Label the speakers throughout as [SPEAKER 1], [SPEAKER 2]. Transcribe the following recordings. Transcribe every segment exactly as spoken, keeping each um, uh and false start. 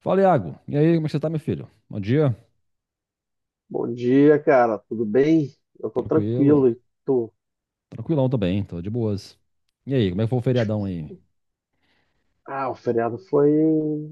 [SPEAKER 1] Fala, Iago. E aí, como é que você tá, meu filho? Bom dia.
[SPEAKER 2] Bom dia, cara. Tudo bem? Eu tô
[SPEAKER 1] Tranquilo.
[SPEAKER 2] tranquilo e tu?
[SPEAKER 1] Tranquilão também, tô de boas. E aí, como é que foi o feriadão aí?
[SPEAKER 2] Ah, o feriado foi.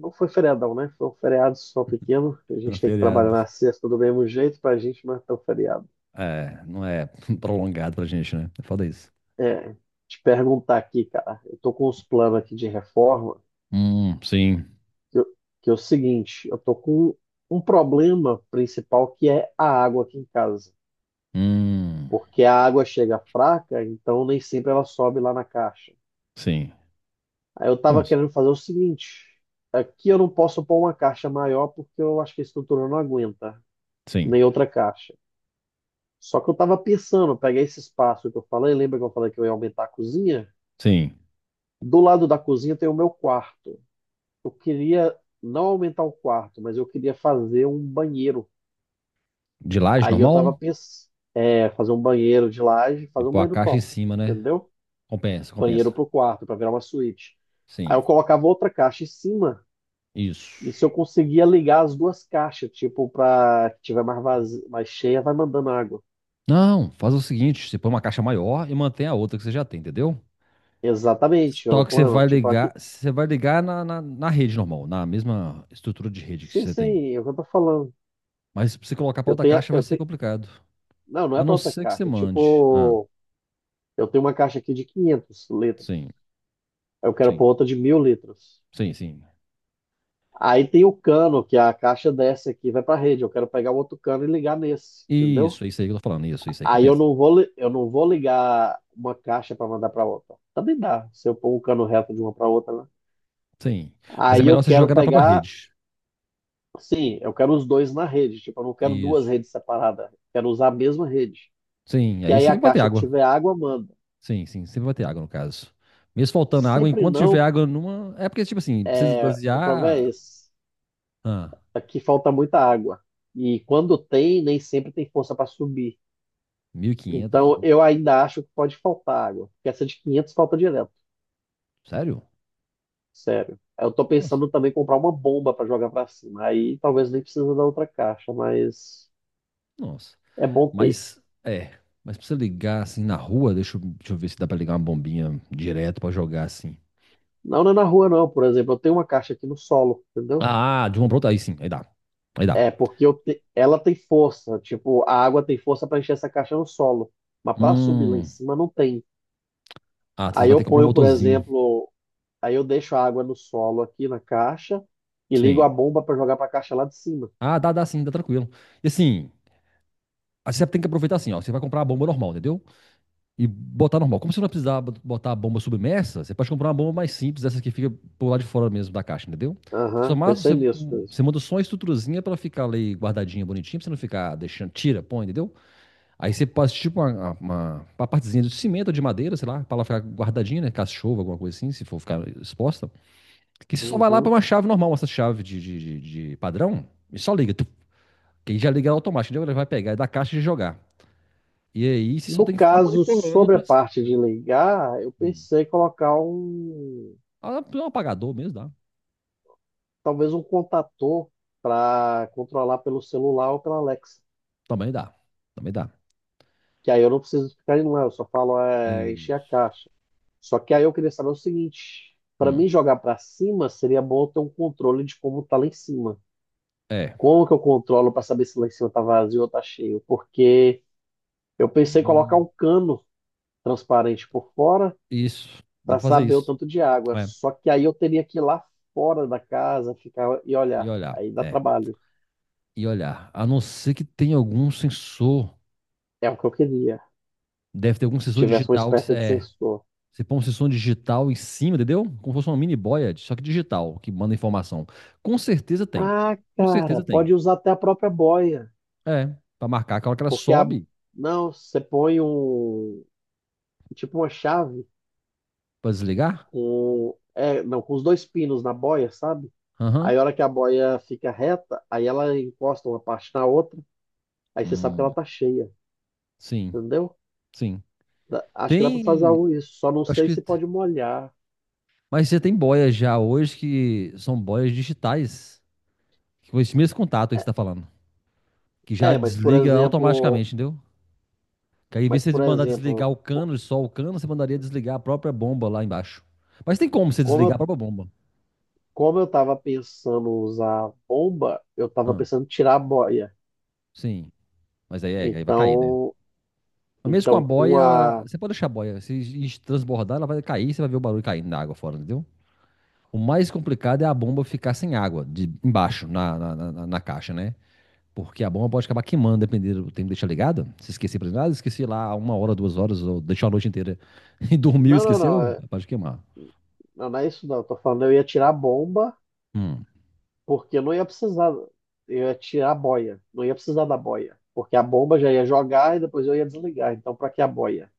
[SPEAKER 2] Não foi feriadão, né? Foi um feriado só pequeno. A gente tem que trabalhar
[SPEAKER 1] Feriado.
[SPEAKER 2] na sexta do mesmo jeito pra gente matar o feriado.
[SPEAKER 1] É, não é prolongado pra gente, né? É foda isso.
[SPEAKER 2] É, te perguntar aqui, cara. Eu tô com uns planos aqui de reforma,
[SPEAKER 1] Hum, sim.
[SPEAKER 2] que, eu- que é o seguinte: eu tô com um problema principal que é a água aqui em casa.
[SPEAKER 1] Hum,
[SPEAKER 2] Porque a água chega fraca, então nem sempre ela sobe lá na caixa.
[SPEAKER 1] sim.
[SPEAKER 2] Aí eu tava
[SPEAKER 1] Nossa,
[SPEAKER 2] querendo fazer o seguinte: aqui eu não posso pôr uma caixa maior porque eu acho que a estrutura não aguenta,
[SPEAKER 1] sim.
[SPEAKER 2] nem outra caixa. Só que eu tava pensando, eu peguei esse espaço que eu falei, lembra que eu falei que eu ia aumentar a cozinha?
[SPEAKER 1] Sim.
[SPEAKER 2] Do lado da cozinha tem o meu quarto. Eu queria não aumentar o quarto, mas eu queria fazer um banheiro.
[SPEAKER 1] De laje,
[SPEAKER 2] Aí eu tava
[SPEAKER 1] normal?
[SPEAKER 2] pensando, é, fazer um banheiro de laje,
[SPEAKER 1] E
[SPEAKER 2] fazer um
[SPEAKER 1] pôr a
[SPEAKER 2] banheiro
[SPEAKER 1] caixa em
[SPEAKER 2] top,
[SPEAKER 1] cima, né?
[SPEAKER 2] entendeu?
[SPEAKER 1] Compensa,
[SPEAKER 2] Banheiro
[SPEAKER 1] compensa.
[SPEAKER 2] pro quarto, para virar uma suíte. Aí
[SPEAKER 1] Sim.
[SPEAKER 2] eu colocava outra caixa em cima.
[SPEAKER 1] Isso.
[SPEAKER 2] E se eu conseguia ligar as duas caixas, tipo, pra que tiver mais, vaz... mais cheia, vai mandando água.
[SPEAKER 1] Não, faz o seguinte, você põe uma caixa maior e mantém a outra que você já tem, entendeu?
[SPEAKER 2] Exatamente, é o
[SPEAKER 1] Só que você
[SPEAKER 2] plano.
[SPEAKER 1] vai
[SPEAKER 2] Tipo, aqui.
[SPEAKER 1] ligar, você vai ligar na, na, na rede normal, na mesma estrutura de rede que
[SPEAKER 2] Sim,
[SPEAKER 1] você tem.
[SPEAKER 2] sim, é o que eu tô falando.
[SPEAKER 1] Mas pra você colocar pra
[SPEAKER 2] Eu
[SPEAKER 1] outra
[SPEAKER 2] tenho. a-
[SPEAKER 1] caixa vai
[SPEAKER 2] Eu
[SPEAKER 1] ser
[SPEAKER 2] tenho...
[SPEAKER 1] complicado.
[SPEAKER 2] Não, não é
[SPEAKER 1] A
[SPEAKER 2] pra
[SPEAKER 1] não
[SPEAKER 2] outra
[SPEAKER 1] ser que você
[SPEAKER 2] caixa. É
[SPEAKER 1] mande. Ah,
[SPEAKER 2] tipo, eu tenho uma caixa aqui de quinhentos litros.
[SPEAKER 1] sim,
[SPEAKER 2] Eu quero
[SPEAKER 1] sim,
[SPEAKER 2] pôr outra de mil litros.
[SPEAKER 1] sim, sim.
[SPEAKER 2] Aí tem o cano, que a caixa desce aqui, e vai pra rede. Eu quero pegar o outro cano e ligar nesse, entendeu?
[SPEAKER 1] Isso, é isso aí que eu tô falando. Isso, isso aí
[SPEAKER 2] Aí eu
[SPEAKER 1] compensa.
[SPEAKER 2] não vou, li- eu não vou ligar uma caixa para mandar para outra. Também dá, se eu pôr um cano reto de uma para outra, né?
[SPEAKER 1] Sim. Mas é
[SPEAKER 2] Aí eu
[SPEAKER 1] melhor você
[SPEAKER 2] quero
[SPEAKER 1] jogar na própria
[SPEAKER 2] pegar,
[SPEAKER 1] rede.
[SPEAKER 2] sim, eu quero os dois na rede. Tipo, eu não quero duas
[SPEAKER 1] Isso.
[SPEAKER 2] redes separadas. Quero usar a mesma rede.
[SPEAKER 1] Sim,
[SPEAKER 2] Que
[SPEAKER 1] aí
[SPEAKER 2] aí a
[SPEAKER 1] sempre vai ter
[SPEAKER 2] caixa que
[SPEAKER 1] água.
[SPEAKER 2] tiver água manda.
[SPEAKER 1] Sim, sim, sempre vai ter água no caso. Mesmo faltando água,
[SPEAKER 2] Sempre
[SPEAKER 1] enquanto tiver
[SPEAKER 2] não,
[SPEAKER 1] água numa. É porque, tipo assim, precisa
[SPEAKER 2] é, o problema é
[SPEAKER 1] esvaziar.
[SPEAKER 2] esse.
[SPEAKER 1] Ah,
[SPEAKER 2] Aqui falta muita água. E quando tem, nem sempre tem força para subir.
[SPEAKER 1] mil e quinhentos
[SPEAKER 2] Então eu
[SPEAKER 1] litros.
[SPEAKER 2] ainda acho que pode faltar água. Porque essa de quinhentos falta direto.
[SPEAKER 1] Sério?
[SPEAKER 2] Sério. Eu tô
[SPEAKER 1] Nossa,
[SPEAKER 2] pensando também em comprar uma bomba para jogar para cima. Aí talvez nem precisa da outra caixa, mas
[SPEAKER 1] nossa.
[SPEAKER 2] é bom ter.
[SPEAKER 1] Mas, é. Mas pra você ligar assim na rua, deixa eu, deixa eu ver se dá pra ligar uma bombinha direto pra jogar assim.
[SPEAKER 2] Não, não é na rua, não. Por exemplo, eu tenho uma caixa aqui no solo, entendeu?
[SPEAKER 1] Ah, de uma pra outra, aí sim, aí dá. Aí dá.
[SPEAKER 2] É, porque eu te- ela tem força. Tipo, a água tem força para encher essa caixa no solo. Mas para subir lá em
[SPEAKER 1] Hum.
[SPEAKER 2] cima não tem.
[SPEAKER 1] Ah, você
[SPEAKER 2] Aí
[SPEAKER 1] vai
[SPEAKER 2] eu
[SPEAKER 1] ter que comprar um
[SPEAKER 2] ponho, por
[SPEAKER 1] motorzinho.
[SPEAKER 2] exemplo, aí eu deixo a água no solo aqui na caixa e ligo a
[SPEAKER 1] Sim.
[SPEAKER 2] bomba para jogar para a caixa lá de cima.
[SPEAKER 1] Ah, dá, dá sim, dá tranquilo. E assim, aí você tem que aproveitar assim, ó. Você vai comprar a bomba normal, entendeu? E botar normal. Como você não vai precisar bot- botar a bomba submersa, você pode comprar uma bomba mais simples, essa que fica por lá de fora mesmo da caixa, entendeu? Você só
[SPEAKER 2] Aham,
[SPEAKER 1] mais
[SPEAKER 2] pensei
[SPEAKER 1] você,
[SPEAKER 2] nisso mesmo.
[SPEAKER 1] você manda só uma estruturazinha pra ela ficar ali guardadinha, bonitinha, pra você não ficar deixando, tira, põe, entendeu? Aí você passa tipo uma, uma, uma partezinha de cimento ou de madeira, sei lá, pra ela ficar guardadinha, né? Caso alguma coisa assim, se for ficar exposta. Que você só vai lá pra
[SPEAKER 2] Uhum.
[SPEAKER 1] uma chave normal, essa chave de, de, de, de padrão, e só liga. Tu, que aí já liga automático, entendeu? Ele vai pegar da caixa e jogar. E aí você só
[SPEAKER 2] No
[SPEAKER 1] tem que ficar
[SPEAKER 2] caso,
[SPEAKER 1] monitorando
[SPEAKER 2] sobre a
[SPEAKER 1] pra.
[SPEAKER 2] parte de ligar, eu pensei em colocar um,
[SPEAKER 1] Ah, é um apagador mesmo dá.
[SPEAKER 2] talvez um contator para controlar pelo celular ou pela Alexa.
[SPEAKER 1] Também dá. Também dá.
[SPEAKER 2] Que aí eu não preciso ficar indo lá, eu só falo é, encher a
[SPEAKER 1] Isso.
[SPEAKER 2] caixa. Só que aí eu queria saber o seguinte: para
[SPEAKER 1] Hum.
[SPEAKER 2] mim jogar para cima, seria bom eu ter um controle de como tá lá em cima.
[SPEAKER 1] É.
[SPEAKER 2] Como que eu controlo para saber se lá em cima tá vazio ou tá cheio? Porque eu pensei em colocar
[SPEAKER 1] Hum.
[SPEAKER 2] um cano transparente por fora
[SPEAKER 1] Isso. Dá
[SPEAKER 2] para
[SPEAKER 1] pra fazer
[SPEAKER 2] saber o
[SPEAKER 1] isso.
[SPEAKER 2] tanto de água.
[SPEAKER 1] É.
[SPEAKER 2] Só que aí eu teria que ir lá fora da casa, ficar e
[SPEAKER 1] E
[SPEAKER 2] olhar.
[SPEAKER 1] olhar.
[SPEAKER 2] Aí dá
[SPEAKER 1] É.
[SPEAKER 2] trabalho.
[SPEAKER 1] E olhar. A não ser que tenha algum sensor.
[SPEAKER 2] É o que eu queria.
[SPEAKER 1] Deve ter algum
[SPEAKER 2] Se
[SPEAKER 1] sensor
[SPEAKER 2] tivesse uma
[SPEAKER 1] digital que você-
[SPEAKER 2] espécie de
[SPEAKER 1] é.
[SPEAKER 2] sensor.
[SPEAKER 1] Você põe um sensor digital em cima, entendeu? Como se fosse uma mini boia, só que digital, que manda informação. Com certeza tem.
[SPEAKER 2] Ah,
[SPEAKER 1] Com
[SPEAKER 2] cara,
[SPEAKER 1] certeza tem.
[SPEAKER 2] pode usar até a própria boia.
[SPEAKER 1] É, pra marcar que a hora que ela
[SPEAKER 2] Porque a.
[SPEAKER 1] sobe,
[SPEAKER 2] Não, você põe um. Tipo uma chave
[SPEAKER 1] pra desligar.
[SPEAKER 2] com. É, não, com os dois pinos na boia, sabe?
[SPEAKER 1] Aham.
[SPEAKER 2] Aí a hora que a boia fica reta, aí ela encosta uma parte na outra, aí você sabe que ela
[SPEAKER 1] Hum,
[SPEAKER 2] tá cheia,
[SPEAKER 1] sim,
[SPEAKER 2] entendeu?
[SPEAKER 1] sim.
[SPEAKER 2] Dá- acho que dá pra fazer algo
[SPEAKER 1] Tem,
[SPEAKER 2] isso, só não
[SPEAKER 1] acho
[SPEAKER 2] sei
[SPEAKER 1] que,
[SPEAKER 2] se pode molhar.
[SPEAKER 1] mas você tem boias já hoje que são boias digitais, com esse mesmo contato aí
[SPEAKER 2] É,
[SPEAKER 1] que você tá falando, que já
[SPEAKER 2] é, mas por
[SPEAKER 1] desliga
[SPEAKER 2] exemplo,
[SPEAKER 1] automaticamente, entendeu? Que aí, em vez
[SPEAKER 2] mas
[SPEAKER 1] de você
[SPEAKER 2] por
[SPEAKER 1] mandar
[SPEAKER 2] exemplo,
[SPEAKER 1] desligar o
[SPEAKER 2] co-
[SPEAKER 1] cano, só o cano, você mandaria desligar a própria bomba lá embaixo. Mas tem como você
[SPEAKER 2] como
[SPEAKER 1] desligar a
[SPEAKER 2] eu,
[SPEAKER 1] própria bomba.
[SPEAKER 2] como eu tava pensando usar bomba, eu tava
[SPEAKER 1] Ah,
[SPEAKER 2] pensando em tirar a boia.
[SPEAKER 1] sim. Mas aí, é, aí vai cair, né?
[SPEAKER 2] Então,
[SPEAKER 1] Mas mesmo com a
[SPEAKER 2] então
[SPEAKER 1] boia,
[SPEAKER 2] com
[SPEAKER 1] ela-
[SPEAKER 2] a
[SPEAKER 1] você pode deixar a boia. Se es- transbordar, ela vai cair, você vai ver o barulho caindo na água fora, entendeu? O mais complicado é a bomba ficar sem água, de embaixo, na, na, na- na- na caixa, né? Porque a bomba pode acabar queimando, dependendo do tempo que deixar ligada. Se esquecer por exemplo, ah, esqueci lá uma hora, duas horas, ou deixou a noite inteira e dormiu,
[SPEAKER 2] Não, não, não.
[SPEAKER 1] esqueceu,
[SPEAKER 2] é,
[SPEAKER 1] pode queimar.
[SPEAKER 2] Não, não é isso não. Eu tô falando, eu ia tirar a bomba,
[SPEAKER 1] Hum,
[SPEAKER 2] porque eu não ia precisar. Eu ia tirar a boia. Não ia precisar da boia. Porque a bomba já ia jogar e depois eu ia desligar. Então, pra que a boia?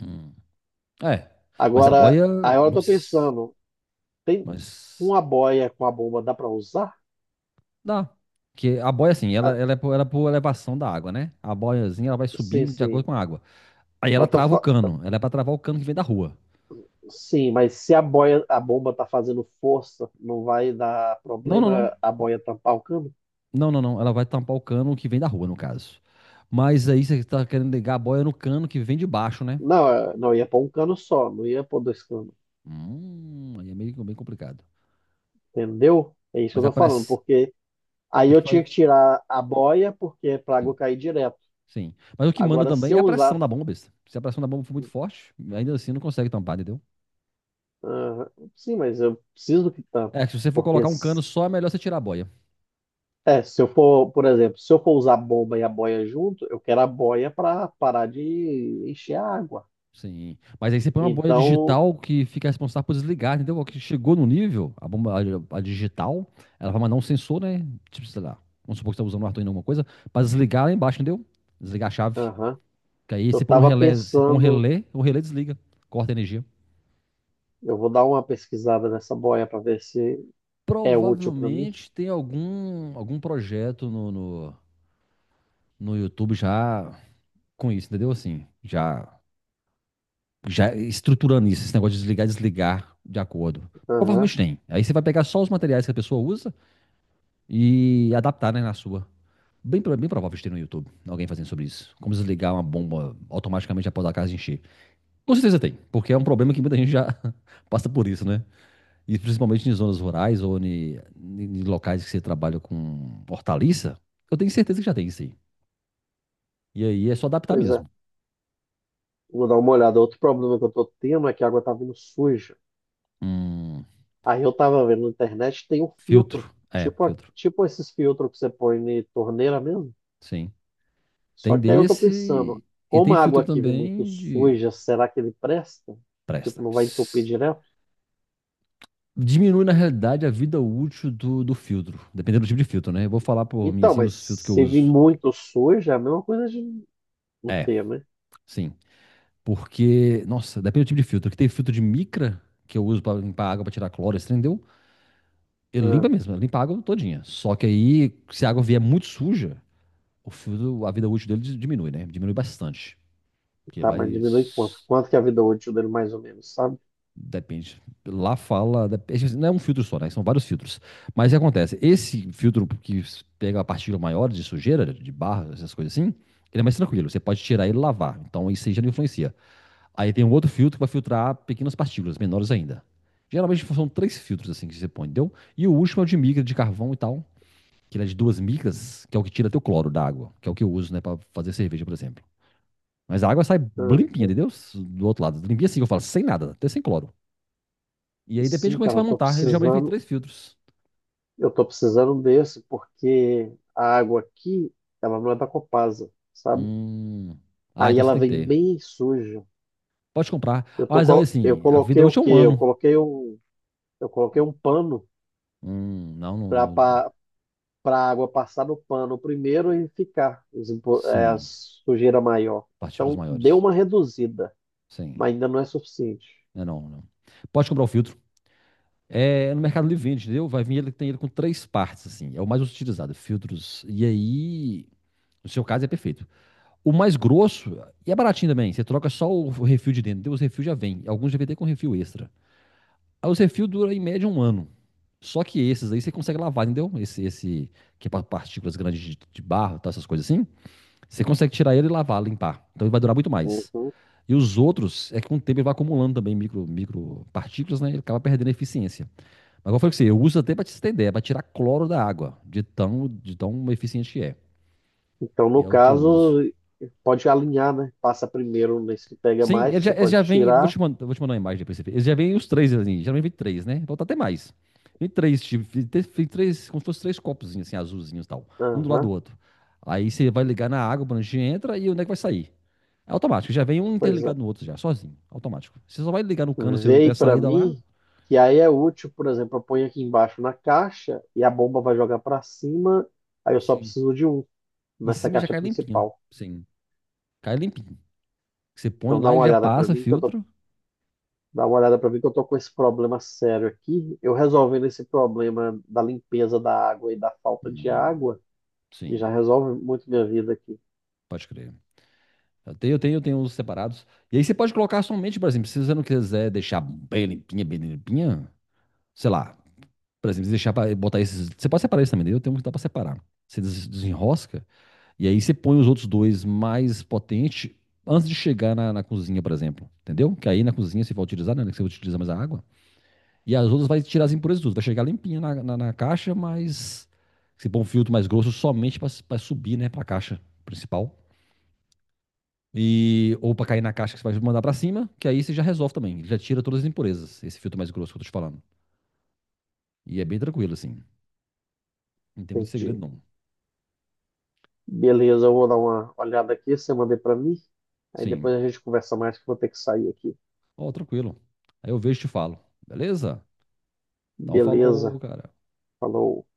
[SPEAKER 1] hum. É, mas a
[SPEAKER 2] Agora,
[SPEAKER 1] boia,
[SPEAKER 2] aí eu tô
[SPEAKER 1] mas,
[SPEAKER 2] pensando, tem
[SPEAKER 1] mas
[SPEAKER 2] uma boia com a bomba, dá pra usar?
[SPEAKER 1] dá. Porque a boia, assim,
[SPEAKER 2] Ah,
[SPEAKER 1] ela, ela, é por, ela é por elevação da água, né? A boiazinha, ela vai
[SPEAKER 2] sim,
[SPEAKER 1] subindo de acordo
[SPEAKER 2] sim.
[SPEAKER 1] com a água. Aí
[SPEAKER 2] Mas
[SPEAKER 1] ela
[SPEAKER 2] eu tô
[SPEAKER 1] trava o
[SPEAKER 2] fa-
[SPEAKER 1] cano. Ela é pra travar o cano que vem da rua.
[SPEAKER 2] Sim, mas se a boia, a bomba tá fazendo força, não vai dar
[SPEAKER 1] Não, não, não.
[SPEAKER 2] problema a boia tampar o cano?
[SPEAKER 1] Não, não, não. Ela vai tampar o cano que vem da rua, no caso. Mas aí você tá querendo ligar a boia no cano que vem de baixo, né?
[SPEAKER 2] Não, é- não, eu ia pôr um cano só, não ia pôr dois canos.
[SPEAKER 1] Hum, aí é meio bem complicado.
[SPEAKER 2] Entendeu? É isso que eu
[SPEAKER 1] Mas a
[SPEAKER 2] tô falando,
[SPEAKER 1] pressão...
[SPEAKER 2] porque. Aí eu tinha que tirar a boia, porque é para a água
[SPEAKER 1] Sim,
[SPEAKER 2] cair direto.
[SPEAKER 1] sim. Mas o que manda
[SPEAKER 2] Agora, se
[SPEAKER 1] também é
[SPEAKER 2] eu
[SPEAKER 1] a pressão
[SPEAKER 2] usar.
[SPEAKER 1] da bomba, besta. Se a pressão da bomba for muito forte, ainda assim não consegue tampar, entendeu?
[SPEAKER 2] Ah, sim, mas eu preciso que tampe.
[SPEAKER 1] É, que se você for
[SPEAKER 2] Porque,
[SPEAKER 1] colocar um cano
[SPEAKER 2] s-
[SPEAKER 1] só, é melhor você tirar a boia.
[SPEAKER 2] é, se eu for, por exemplo, se eu for usar a bomba e a boia junto, eu quero a boia para parar de encher a água.
[SPEAKER 1] Sim. Mas aí você põe uma boia
[SPEAKER 2] Então,
[SPEAKER 1] digital que fica responsável por desligar, entendeu? Que chegou no nível, a bomba a, a digital, ela vai mandar um sensor, né? Tipo, sei lá, vamos supor que você está usando o Arduino em alguma coisa, para desligar lá embaixo, entendeu? Desligar a chave.
[SPEAKER 2] aham,
[SPEAKER 1] Que aí
[SPEAKER 2] eu
[SPEAKER 1] você põe um
[SPEAKER 2] estava
[SPEAKER 1] relé, você põe um
[SPEAKER 2] pensando.
[SPEAKER 1] relé, o relé desliga, corta a energia.
[SPEAKER 2] Eu vou dar uma pesquisada nessa boia para ver se é útil para mim.
[SPEAKER 1] Provavelmente tem algum, algum projeto no, no, no YouTube já com isso, entendeu? Assim, já já estruturando isso, esse negócio de desligar e desligar de acordo.
[SPEAKER 2] Aham,
[SPEAKER 1] Provavelmente tem. Aí você vai pegar só os materiais que a pessoa usa e adaptar, né, na sua. Bem, bem provável de ter no YouTube alguém fazendo sobre isso. Como desligar uma bomba automaticamente após a casa encher. Com certeza tem, porque é um problema que muita gente já passa por isso, né? E principalmente em zonas rurais ou em, em locais que você trabalha com hortaliça, eu tenho certeza que já tem isso aí. E aí é só adaptar
[SPEAKER 2] pois é.
[SPEAKER 1] mesmo.
[SPEAKER 2] Vou dar uma olhada. Outro problema que eu estou tendo é que a água está vindo suja.
[SPEAKER 1] Hum,
[SPEAKER 2] Aí eu tava vendo na internet, tem um filtro,
[SPEAKER 1] filtro. É,
[SPEAKER 2] tipo, a-
[SPEAKER 1] filtro.
[SPEAKER 2] tipo esses filtros que você põe na torneira mesmo.
[SPEAKER 1] Sim.
[SPEAKER 2] Só
[SPEAKER 1] Tem
[SPEAKER 2] que aí eu tô pensando,
[SPEAKER 1] desse e
[SPEAKER 2] como
[SPEAKER 1] tem
[SPEAKER 2] a água
[SPEAKER 1] filtro
[SPEAKER 2] aqui vem muito
[SPEAKER 1] também de.
[SPEAKER 2] suja, será que ele presta? Tipo,
[SPEAKER 1] Presta.
[SPEAKER 2] não vai entupir direto?
[SPEAKER 1] Diminui, na realidade, a vida útil do, do filtro, dependendo do tipo de filtro, né? Eu vou falar por mim,
[SPEAKER 2] Então,
[SPEAKER 1] assim,
[SPEAKER 2] mas
[SPEAKER 1] os filtros que eu
[SPEAKER 2] se vir
[SPEAKER 1] uso.
[SPEAKER 2] muito suja, é a mesma coisa de não
[SPEAKER 1] É,
[SPEAKER 2] ter, né?
[SPEAKER 1] sim. Porque, nossa, depende do tipo de filtro. Que tem filtro de micra, que eu uso pra limpar água, pra tirar cloro, esse trem deu. Ele
[SPEAKER 2] Ah,
[SPEAKER 1] limpa mesmo, ele limpa a água todinha. Só que aí, se a água vier muito suja, o filtro, a vida útil dele dis- diminui, né? Diminui bastante. Porque ele
[SPEAKER 2] tá, mas
[SPEAKER 1] vai
[SPEAKER 2] diminui quanto?
[SPEAKER 1] s-.
[SPEAKER 2] Quanto que é a vida útil dele mais ou menos, sabe?
[SPEAKER 1] Depende. Lá fala. é Não é um filtro só, né? São vários filtros. Mas o que acontece? Esse filtro que pega a partícula maior de sujeira, de barro, essas coisas assim, ele é mais tranquilo. Você pode tirar ele e lavar. Então isso aí já não influencia. Aí tem um outro filtro que vai filtrar pequenas partículas, menores ainda. Geralmente são três filtros assim que você põe, entendeu? E o último é o de micra, de carvão e tal, que ele é de duas micras, que é o que tira teu cloro da água, que é o que eu uso, né, pra fazer cerveja, por exemplo. Mas a água sai limpinha,
[SPEAKER 2] Aham.
[SPEAKER 1] entendeu? Do outro lado. Limpinha assim, eu falo, sem nada, até sem cloro. E aí depende de
[SPEAKER 2] Sim,
[SPEAKER 1] como é que
[SPEAKER 2] cara,
[SPEAKER 1] você
[SPEAKER 2] eu
[SPEAKER 1] vai
[SPEAKER 2] tô
[SPEAKER 1] montar. Ele geralmente vem
[SPEAKER 2] precisando,
[SPEAKER 1] três filtros.
[SPEAKER 2] eu tô precisando desse, porque a água aqui, ela não é da Copasa, sabe?
[SPEAKER 1] Hum. Ah,
[SPEAKER 2] Aí
[SPEAKER 1] então você
[SPEAKER 2] ela
[SPEAKER 1] tem que
[SPEAKER 2] vem
[SPEAKER 1] ter.
[SPEAKER 2] bem suja.
[SPEAKER 1] Pode comprar.
[SPEAKER 2] Eu tô,
[SPEAKER 1] Mas aí,
[SPEAKER 2] co- eu
[SPEAKER 1] assim, a vida
[SPEAKER 2] coloquei o
[SPEAKER 1] útil é
[SPEAKER 2] quê?
[SPEAKER 1] um
[SPEAKER 2] Eu
[SPEAKER 1] ano.
[SPEAKER 2] coloquei um, eu coloquei um pano
[SPEAKER 1] Hum, não, não, não.
[SPEAKER 2] para para água passar no pano primeiro e ficar os impu- é, a
[SPEAKER 1] Sim.
[SPEAKER 2] sujeira maior.
[SPEAKER 1] Partículas
[SPEAKER 2] Então deu
[SPEAKER 1] maiores.
[SPEAKER 2] uma reduzida,
[SPEAKER 1] Sim.
[SPEAKER 2] mas ainda não é suficiente.
[SPEAKER 1] Não, é não, não. Pode comprar o filtro. É, é no Mercado Livre vende, entendeu? Vai vir ele tem ele com três partes, assim. É o mais utilizado, filtros. E aí, no seu caso, é perfeito. O mais grosso, e é baratinho também. Você troca só o refil de dentro. Então, os refil já vem. Alguns já vêm até com refil extra. Aí os refil dura em média um ano. Só que esses aí você consegue lavar, entendeu? Esse, esse que é para partículas grandes de, de barro, tá, essas coisas assim. Você consegue tirar ele e lavar, limpar. Então ele vai durar muito mais.
[SPEAKER 2] Uhum.
[SPEAKER 1] E os outros, é que com o tempo ele vai acumulando também micro, micro partículas, né? Ele acaba perdendo a eficiência. Mas como eu falei com você, eu uso até para te ter ideia, para tirar cloro da água, de tão, de tão eficiente que é.
[SPEAKER 2] Então
[SPEAKER 1] E
[SPEAKER 2] no
[SPEAKER 1] é o que eu uso.
[SPEAKER 2] caso pode alinhar, né? Passa primeiro nesse que pega
[SPEAKER 1] Sim,
[SPEAKER 2] mais, que
[SPEAKER 1] eles já,
[SPEAKER 2] você
[SPEAKER 1] eles
[SPEAKER 2] pode
[SPEAKER 1] já vêm. Vou
[SPEAKER 2] tirar.
[SPEAKER 1] te mandar, vou te mandar uma imagem depois. Pra você ver. Eles já vêm os três ali. Geralmente vem três, né? Então tá até mais. Vem três, tipo, vem três, vem três, como se fosse três copozinhos, assim, azulzinhos e tal. Um do lado
[SPEAKER 2] Aham,
[SPEAKER 1] do outro. Aí você vai ligar na água, o prancha entra e o nego vai sair. É automático. Já vem um
[SPEAKER 2] pois é.
[SPEAKER 1] interligado no outro já, sozinho. Automático. Você só vai ligar no cano seu que tem a
[SPEAKER 2] Veio para
[SPEAKER 1] saída lá.
[SPEAKER 2] mim, que aí é útil, por exemplo, eu ponho aqui embaixo na caixa e a bomba vai jogar para cima, aí eu só
[SPEAKER 1] Sim.
[SPEAKER 2] preciso de um
[SPEAKER 1] Em
[SPEAKER 2] nessa
[SPEAKER 1] cima já
[SPEAKER 2] caixa
[SPEAKER 1] cai limpinho.
[SPEAKER 2] principal.
[SPEAKER 1] Sim. Cai limpinho. Você põe
[SPEAKER 2] Então dá
[SPEAKER 1] lá,
[SPEAKER 2] uma
[SPEAKER 1] ele já
[SPEAKER 2] olhada para
[SPEAKER 1] passa,
[SPEAKER 2] mim que eu tô,
[SPEAKER 1] filtro.
[SPEAKER 2] dá uma olhada para mim que eu tô com esse problema sério aqui. Eu resolvendo esse problema da limpeza da água e da falta de
[SPEAKER 1] Hum,
[SPEAKER 2] água,
[SPEAKER 1] Sim,
[SPEAKER 2] já resolve muito minha vida aqui.
[SPEAKER 1] pode crer. Eu tenho, eu tenho, eu tenho os separados. E aí você pode colocar somente, por exemplo, se você não quiser deixar bem limpinha, bem limpinha, sei lá, por exemplo, deixar para botar esses. Você pode separar isso também, né? Eu tenho um que dá para separar. Você des- desenrosca e aí você põe os outros dois mais potentes antes de chegar na, na cozinha, por exemplo. Entendeu? Que aí na cozinha você vai utilizar, né? Que você utiliza mais a água. E as outras vai tirar as impurezas tudo. Vai chegar limpinha na, na, na caixa, mas você põe um filtro mais grosso somente para subir, né, para a caixa principal. E, ou para cair na caixa que você vai mandar para cima, que aí você já resolve também. Ele já tira todas as impurezas, esse filtro mais grosso que eu tô te falando. E é bem tranquilo, assim. Não tem muito segredo,
[SPEAKER 2] Entendi.
[SPEAKER 1] não.
[SPEAKER 2] Beleza, eu vou dar uma olhada aqui, você mandei para mim. Aí
[SPEAKER 1] Sim.
[SPEAKER 2] depois a gente conversa mais que eu vou ter que sair aqui.
[SPEAKER 1] Ó, tranquilo. Aí eu vejo e te falo. Beleza? Então
[SPEAKER 2] Beleza.
[SPEAKER 1] falou, cara.
[SPEAKER 2] Falou.